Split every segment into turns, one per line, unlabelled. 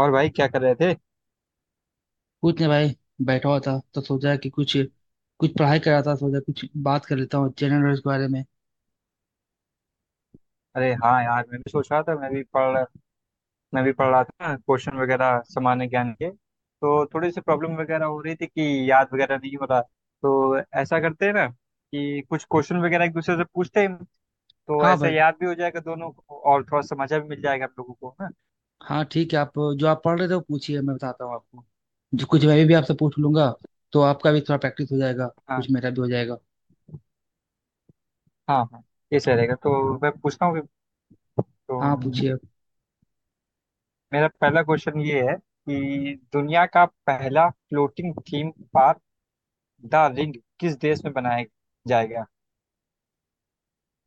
और भाई क्या कर रहे थे?
कुछ नहीं भाई। बैठा हुआ था तो सोचा कि कुछ कुछ पढ़ाई कर रहा था, सोचा कुछ बात कर लेता हूँ जनरल नॉलेज के बारे में।
अरे हाँ यार, मैं भी सोच रहा था। मैं भी पढ़ रहा था। क्वेश्चन वगैरह सामान्य ज्ञान के, तो थोड़ी सी प्रॉब्लम वगैरह हो रही थी कि याद वगैरह नहीं हो रहा। तो ऐसा करते हैं ना कि कुछ क्वेश्चन वगैरह एक दूसरे से पूछते हैं। तो
हाँ
ऐसे
भाई,
याद भी हो जाएगा दोनों को, और थोड़ा सा मजा भी मिल जाएगा हम लोगों को, है ना?
हाँ ठीक है। आप जो आप पढ़ रहे थे वो पूछिए, मैं बताता हूँ आपको। जो कुछ मैं भी आपसे पूछ लूंगा, तो आपका भी थोड़ा प्रैक्टिस हो जाएगा,
हाँ,
कुछ मेरा भी हो जाएगा।
हाँ, हाँ। ये सही रहेगा, तो मैं पूछता हूँ
हाँ पूछिए।
तो मेरा पहला क्वेश्चन ये है कि दुनिया का पहला floating theme park the ring किस देश में बनाया जाएगा?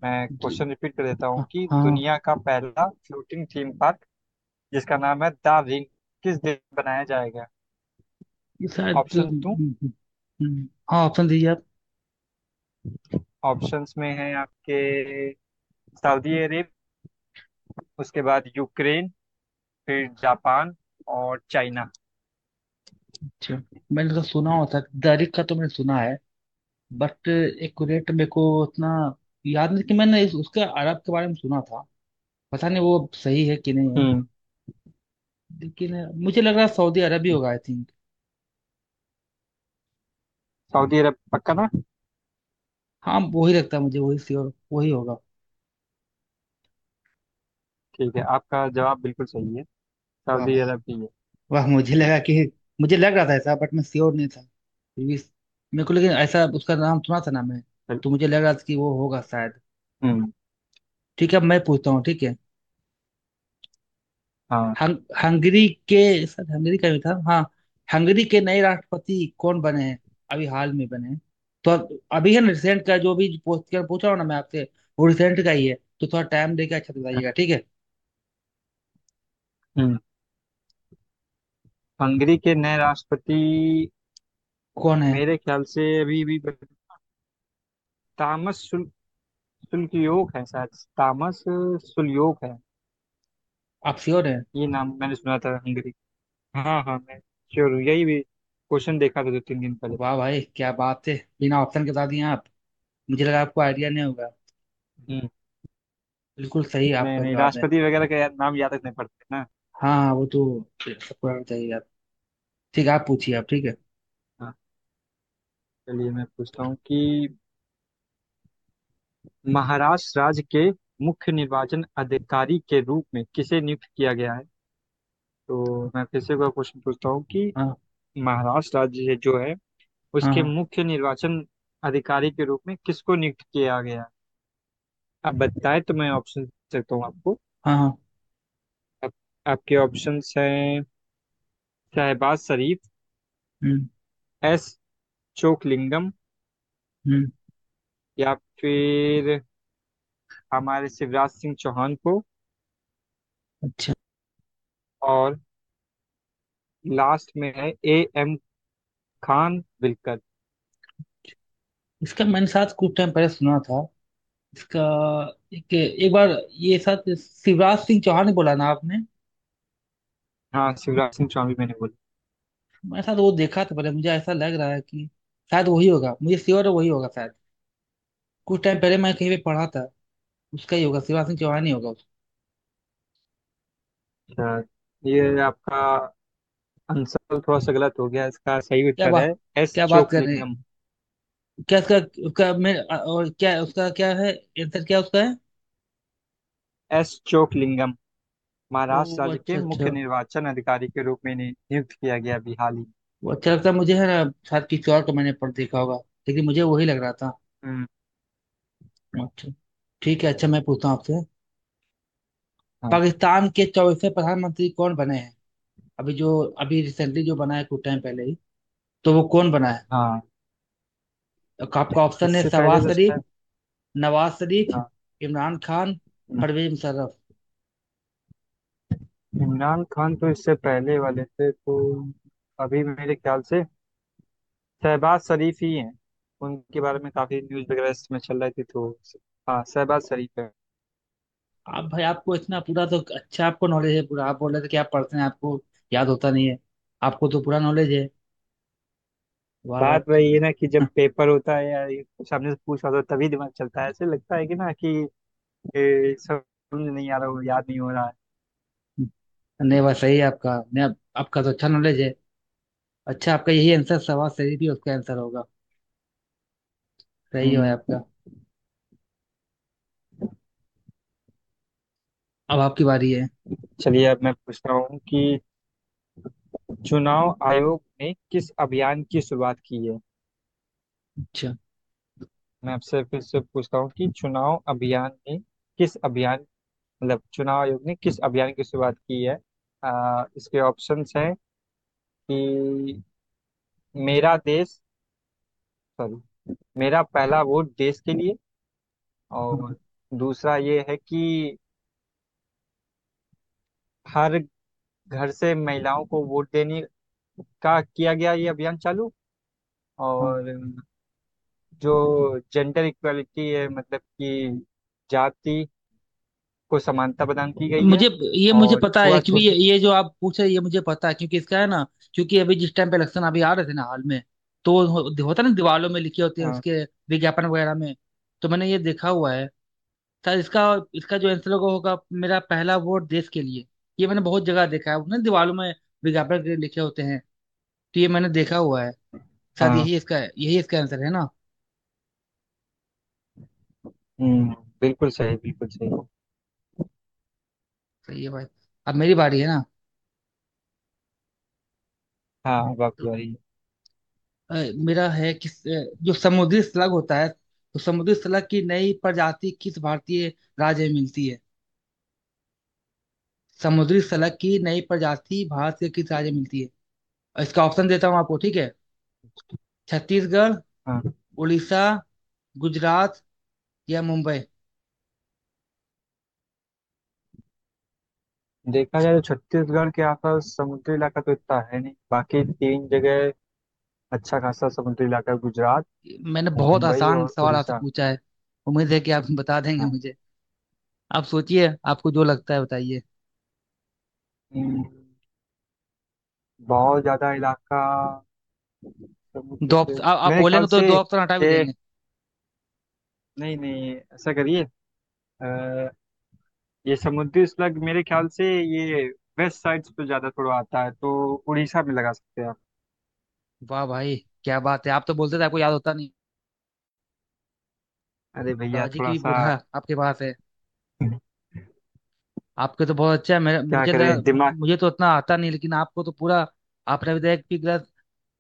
मैं
जी,
क्वेश्चन रिपीट कर देता हूँ
हाँ
कि
हाँ,
दुनिया का पहला फ्लोटिंग थीम पार्क, जिसका नाम है द रिंग, किस देश में बनाया जाएगा?
ये शायद
ऑप्शन दूं?
हाँ ऑप्शन दीजिए आप।
ऑप्शंस में है आपके: सऊदी अरब, उसके बाद यूक्रेन, फिर जापान और चाइना।
अच्छा, मैंने तो सुना होता, दारिक का तो मैंने सुना है, बट एक्यूरेट मेरे को उतना याद नहीं कि मैंने इस, उसके अरब के बारे में सुना था। पता नहीं वो सही है कि नहीं है,
हम्म।
लेकिन मुझे लग रहा है सऊदी अरब ही होगा, आई थिंक।
सऊदी अरब पक्का ना?
हाँ वही लगता है मुझे, वही श्योर, वही होगा।
ठीक है, आपका जवाब बिल्कुल सही है।
वाह
सऊदी
भाई,
अरब ही है।
वाह, मुझे लगा कि, मुझे लग रहा था ऐसा बट मैं श्योर नहीं था, फिर भी मेरे को लेकिन ऐसा उसका नाम सुना था ना, मैं
बिल-
तो मुझे लग रहा था कि वो होगा शायद।
हम्म।
ठीक है, अब मैं पूछता हूँ, ठीक है।
हाँ।
हंग, हंगरी के सर, हंगरी का भी था हाँ। हंगरी के नए राष्ट्रपति कौन बने हैं? अभी हाल में बने हैं, तो अब अभी है ना, रिसेंट का जो भी पूछ कर पूछ रहा हूँ ना मैं आपसे, वो रिसेंट का ही है। तो थोड़ा टाइम देके अच्छा से बताइएगा, ठीक है।
हम्म। हंगरी के नए राष्ट्रपति
कौन है?
मेरे ख्याल से अभी भी तामस सुल्कयोक है शायद। तामस सुल्योग है।
आप श्योर हैं?
ये नाम मैंने सुना था हंगरी। हाँ, हाँ, मैं श्योर हूँ। यही भी क्वेश्चन देखा था दो तीन दिन पहले।
वाह भाई, क्या बात है, बिना ऑप्शन के बता दिए आप। मुझे लगा आपको आइडिया नहीं होगा।
हम्म।
बिल्कुल सही
नहीं,
आपका
नहीं,
जवाब है।
राष्ट्रपति वगैरह का यार नाम याद रखने पड़ते हैं ना।
हाँ हाँ, वो तो सबको आना चाहिए। आप ठीक है, आप पूछिए आप, ठीक है।
हाँ। चलिए मैं पूछता हूँ कि महाराष्ट्र राज्य के मुख्य निर्वाचन अधिकारी के रूप में किसे नियुक्त किया गया है? तो मैं फिर से एक बार क्वेश्चन पूछता हूँ कि
हाँ।
महाराष्ट्र राज्य है जो है,
हाँ।
उसके
हाँ
मुख्य निर्वाचन अधिकारी के रूप में किसको नियुक्त किया गया है? अब
ठीक है।
बताए, तो मैं ऑप्शन दे सकता हूँ आपको।
हाँ हाँ।
आप, आपके ऑप्शंस हैं: शहबाज शरीफ,
हम्म
एस चोकलिंगम,
हम्म
या फिर हमारे शिवराज सिंह चौहान को,
अच्छा,
और लास्ट में है ए एम खान विलकर।
इसका मैंने साथ कुछ टाइम पहले सुना था इसका, एक एक बार। ये शायद शिवराज सिंह चौहान ही बोला ना आपने?
हाँ, शिवराज सिंह चौहान भी मैंने बोला।
मैंने शायद वो देखा था पहले, मुझे ऐसा लग रहा है कि शायद वही होगा, मुझे श्योर है वही होगा शायद। कुछ टाइम पहले मैं कहीं पे पढ़ा था, उसका ही होगा, शिवराज सिंह चौहान ही होगा उसका।
अच्छा, ये आपका आंसर थोड़ा सा गलत हो गया। इसका सही
क्या
उत्तर है
बात,
एस
क्या बात कर रहे हैं?
चोकलिंगम।
क्या उसका, उसका मैं और क्या, उसका क्या है आंसर, क्या उसका है?
एस चोकलिंगम
ओ
महाराष्ट्र राज्य के
अच्छा
मुख्य
अच्छा,
निर्वाचन अधिकारी के रूप में इन्हें नियुक्त किया गया अभी हाल ही में।
वो अच्छा लगता है मुझे, है ना। शायद किसी और को मैंने पढ़ देखा होगा लेकिन मुझे वही लग रहा था।
हम्म।
अच्छा, ठीक है, अच्छा मैं पूछता हूँ आपसे।
हाँ,
पाकिस्तान के चौथे प्रधानमंत्री कौन बने हैं? अभी जो अभी रिसेंटली जो बना है, कुछ टाइम पहले ही, तो वो कौन बना है?
हाँ।
आपका ऑप्शन है
इससे पहले
शहबाज
तो
शरीफ,
शायद।
नवाज शरीफ,
हाँ,
इमरान खान, परवेज मुशर्रफ।
इमरान खान तो इससे पहले वाले थे, तो अभी मेरे ख्याल से शहबाज शरीफ ही हैं। उनके बारे में काफी न्यूज वगैरह इसमें चल रही थी, तो हाँ, शहबाज शरीफ है।
आप भाई, आपको इतना पूरा तो, अच्छा आपको नॉलेज है पूरा। आप बोल रहे थे कि आप पढ़ते हैं, आपको याद होता नहीं है, आपको तो पूरा नॉलेज है। वाह भाई, आप
बात
तो
वही है ना कि जब पेपर होता है या ये कुछ सामने से पूछ रहा होता है, तभी दिमाग चलता है। ऐसे लगता है कि ना कि समझ नहीं आ रहा हो, याद नहीं हो रहा है।
नहीं, वाह सही है आपका, नहीं आप, आपका तो अच्छा नॉलेज है। अच्छा, आपका यही आंसर शहबाज शरीफ ही उसका आंसर होगा। सही है भाई
हम्म।
आपका। अब आपकी बारी है।
चलिए, अब मैं पूछता हूँ कि चुनाव आयोग ने किस अभियान की शुरुआत की है?
अच्छा।
मैं आपसे फिर से पूछता हूँ कि चुनाव अभियान ने किस अभियान मतलब चुनाव आयोग ने किस अभियान की शुरुआत की है? इसके ऑप्शंस हैं कि मेरा देश सॉरी मेरा पहला वोट देश के लिए।
हाँ।
और दूसरा ये है कि हर घर से महिलाओं को वोट देने का किया गया ये अभियान चालू।
हाँ,
और जो जेंडर इक्वालिटी है, मतलब कि जाति को समानता प्रदान की गई है,
मुझे ये, मुझे
और
पता है, क्योंकि
छुआछूत।
ये जो आप पूछ रहे हैं ये मुझे पता है, क्योंकि इसका है ना, क्योंकि अभी जिस टाइम पे इलेक्शन अभी आ रहे थे ना हाल में, तो होता है ना, दीवारों में लिखे होते हैं
हाँ,
उसके विज्ञापन वगैरह में, तो मैंने ये देखा हुआ है। शायद इसका, इसका जो आंसर होगा होगा, मेरा पहला वोट देश के लिए, ये मैंने बहुत जगह देखा है ना, दीवारों में विज्ञापन के लिखे होते हैं, तो ये मैंने देखा हुआ है। शायद
हाँ।
यही इसका, यही इसका आंसर है ना।
हम्म, बिल्कुल सही, बिल्कुल सही।
सही है भाई। अब मेरी बारी है ना।
हाँ, बात हो
तो
रही है।
अ, मेरा है कि जो समुद्री स्लग होता है, तो समुद्री स्लग की नई प्रजाति किस भारतीय राज्य में मिलती है? समुद्री स्लग की नई प्रजाति भारत के किस राज्य में मिलती है? और इसका ऑप्शन देता हूँ आपको, ठीक है। छत्तीसगढ़,
हाँ,
उड़ीसा, गुजरात या मुंबई।
देखा जाए तो छत्तीसगढ़ के आसपास समुद्री इलाका तो इतना है नहीं, बाकी तीन जगह अच्छा खासा समुद्री इलाका है: गुजरात,
मैंने बहुत
मुंबई
आसान
और
सवाल आपसे
उड़ीसा
पूछा है, उम्मीद है कि आप बता
है।
देंगे मुझे। आप सोचिए आपको जो लगता है बताइए।
हम्म, बहुत ज्यादा इलाका समुद्र
दो
से
ऑप्शन आप
मेरे ख्याल
बोलेंगे तो
से
दो ऑप्शन हटा भी
ये...
देंगे।
नहीं, नहीं, ऐसा करिए। अ, ये समुद्री स्लग मेरे ख्याल से ये वेस्ट साइड्स पे ज्यादा थोड़ा आता है, तो उड़ीसा में लगा सकते हैं आप।
वाह भाई, क्या बात है, आप तो बोलते थे आपको याद होता।
अरे भैया,
लॉजिक
थोड़ा
भी
सा
पूरा आपके पास है। आपके तो बहुत अच्छा है, मेरा
क्या
मुझे लगा,
करें दिमाग।
मुझे तो उतना आता नहीं, लेकिन आपको तो पूरा। आपने भी तो एक भी गलत,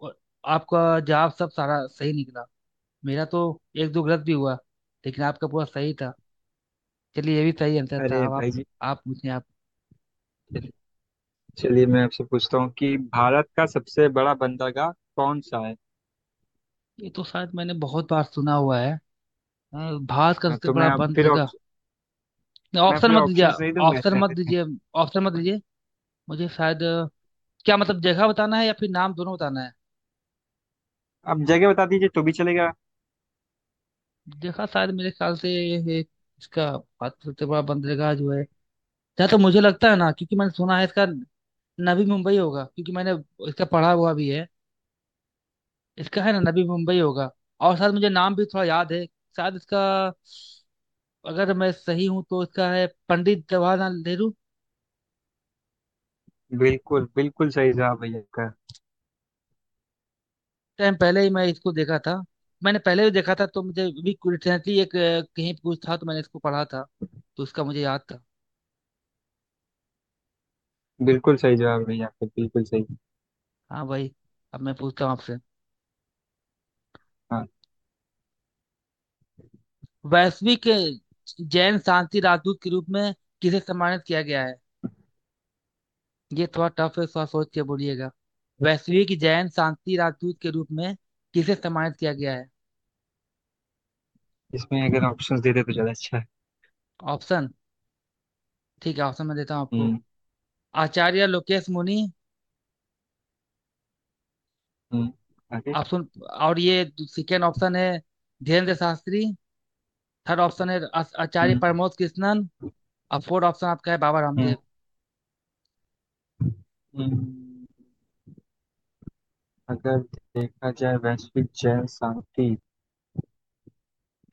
और आपका जवाब सब सारा सही निकला। मेरा तो एक दो गलत भी हुआ, लेकिन आपका पूरा सही था। चलिए ये भी सही आंसर था।
अरे
अब आप
भाई।
आप पूछिए आप।
जी, चलिए मैं आपसे पूछता हूँ कि भारत का सबसे बड़ा बंदरगाह कौन सा है?
ये तो शायद मैंने बहुत बार सुना हुआ है। भारत का
हाँ,
सबसे
तो
बड़ा
मैं अब
बंद
फिर
जगह। नहीं,
मैं
ऑप्शन
फिर
मत दीजिए,
ऑप्शंस नहीं दूंगा
ऑप्शन
इसमें
मत
फिर।
दीजिए, ऑप्शन मत दीजिए। मुझे शायद क्या मतलब, जगह बताना है या फिर नाम, दोनों बताना है?
आप जगह बता दीजिए तो भी चलेगा।
जगह शायद मेरे ख्याल से ये, इसका भारत का सबसे बड़ा बंद जगह जो है जहाँ, तो मुझे लगता है ना, क्योंकि मैंने सुना है इसका, नवी मुंबई होगा। क्योंकि मैंने इसका पढ़ा हुआ भी है इसका, है ना, नवी मुंबई होगा। और शायद मुझे नाम भी थोड़ा याद है, शायद इसका, अगर मैं सही हूँ तो इसका है पंडित जवाहरलाल नेहरू।
बिल्कुल, बिल्कुल सही जवाब भैया का।
टाइम पहले ही मैं इसको देखा था, मैंने पहले भी देखा था, तो मुझे भी रिसेंटली एक कहीं कुछ था, तो मैंने इसको पढ़ा था, तो उसका मुझे याद था।
बिल्कुल सही जवाब भैया, आपका बिल्कुल सही।
हाँ भाई, अब मैं पूछता हूँ आपसे।
हाँ।
वैश्विक जैन शांति राजदूत के रूप में किसे सम्मानित किया गया है? ये थोड़ा टफ है, थोड़ा सोच के बोलिएगा। वैश्विक जैन शांति राजदूत के रूप में किसे सम्मानित किया गया है?
इसमें अगर ऑप्शंस देते तो ज़्यादा अच्छा है।
ऑप्शन, ठीक है ऑप्शन मैं देता हूँ आपको।
हम्म।
आचार्य लोकेश मुनि।
हम्म। आगे।
ऑप्शन, और ये सेकेंड ऑप्शन है धीरेन्द्र शास्त्री। थर्ड ऑप्शन है आचार्य
हम्म।
प्रमोद कृष्णन। और फोर्थ ऑप्शन आपका है बाबा
हम्म।
रामदेव।
हम्म। अगर देखा जाए वैश्विक जल शांति,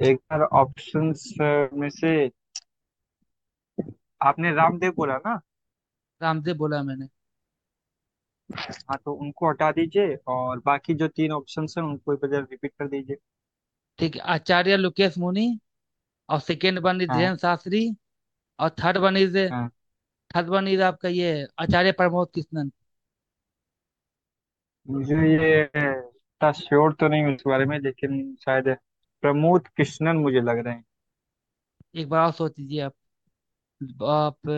एक बार ऑप्शंस में से आपने रामदेव बोला ना?
रामदेव बोला मैंने।
हाँ, तो उनको हटा दीजिए और बाकी जो तीन ऑप्शंस हैं उनको एक बार रिपीट कर दीजिए।
ठीक है, आचार्य लोकेश मुनि, और सेकेंड वन इज
हाँ।
धीरेन्द्र शास्त्री, और थर्ड वन इज,
हाँ।
थर्ड वन इज आपका ये, आचार्य प्रमोद कृष्णन।
मुझे ये इतना श्योर तो नहीं हूँ इस बारे में, लेकिन शायद प्रमोद कृष्णन मुझे लग रहे हैं।
एक बार और सोच लीजिए आप। आप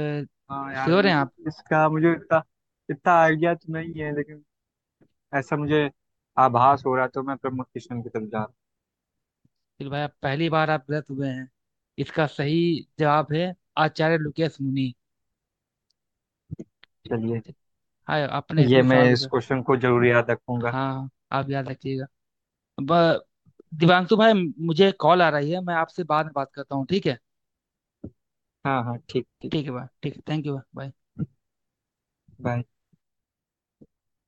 हाँ यार,
श्योर हैं आप?
इसका मुझे इतना इतना आइडिया तो नहीं है, लेकिन ऐसा मुझे आभास हो रहा है, तो मैं प्रमोद कृष्णन की तरफ जा रहा
फिर भाई आप पहली बार आप गलत हुए हैं। इसका सही जवाब है आचार्य लुकेश मुनि।
हूँ। चलिए,
हाँ, आपने
ये
इतने
मैं
सवाल का
इस
जवाब।
क्वेश्चन को जरूर याद रखूंगा।
हाँ आप याद रखिएगा। ब- दिवांशु भाई, मुझे कॉल आ रही है, मैं आपसे बाद में बात करता हूँ, ठीक है।
हाँ, हाँ, ठीक, ठीक।
ठीक है भाई, ठीक है, थैंक यू भाई।
बाय।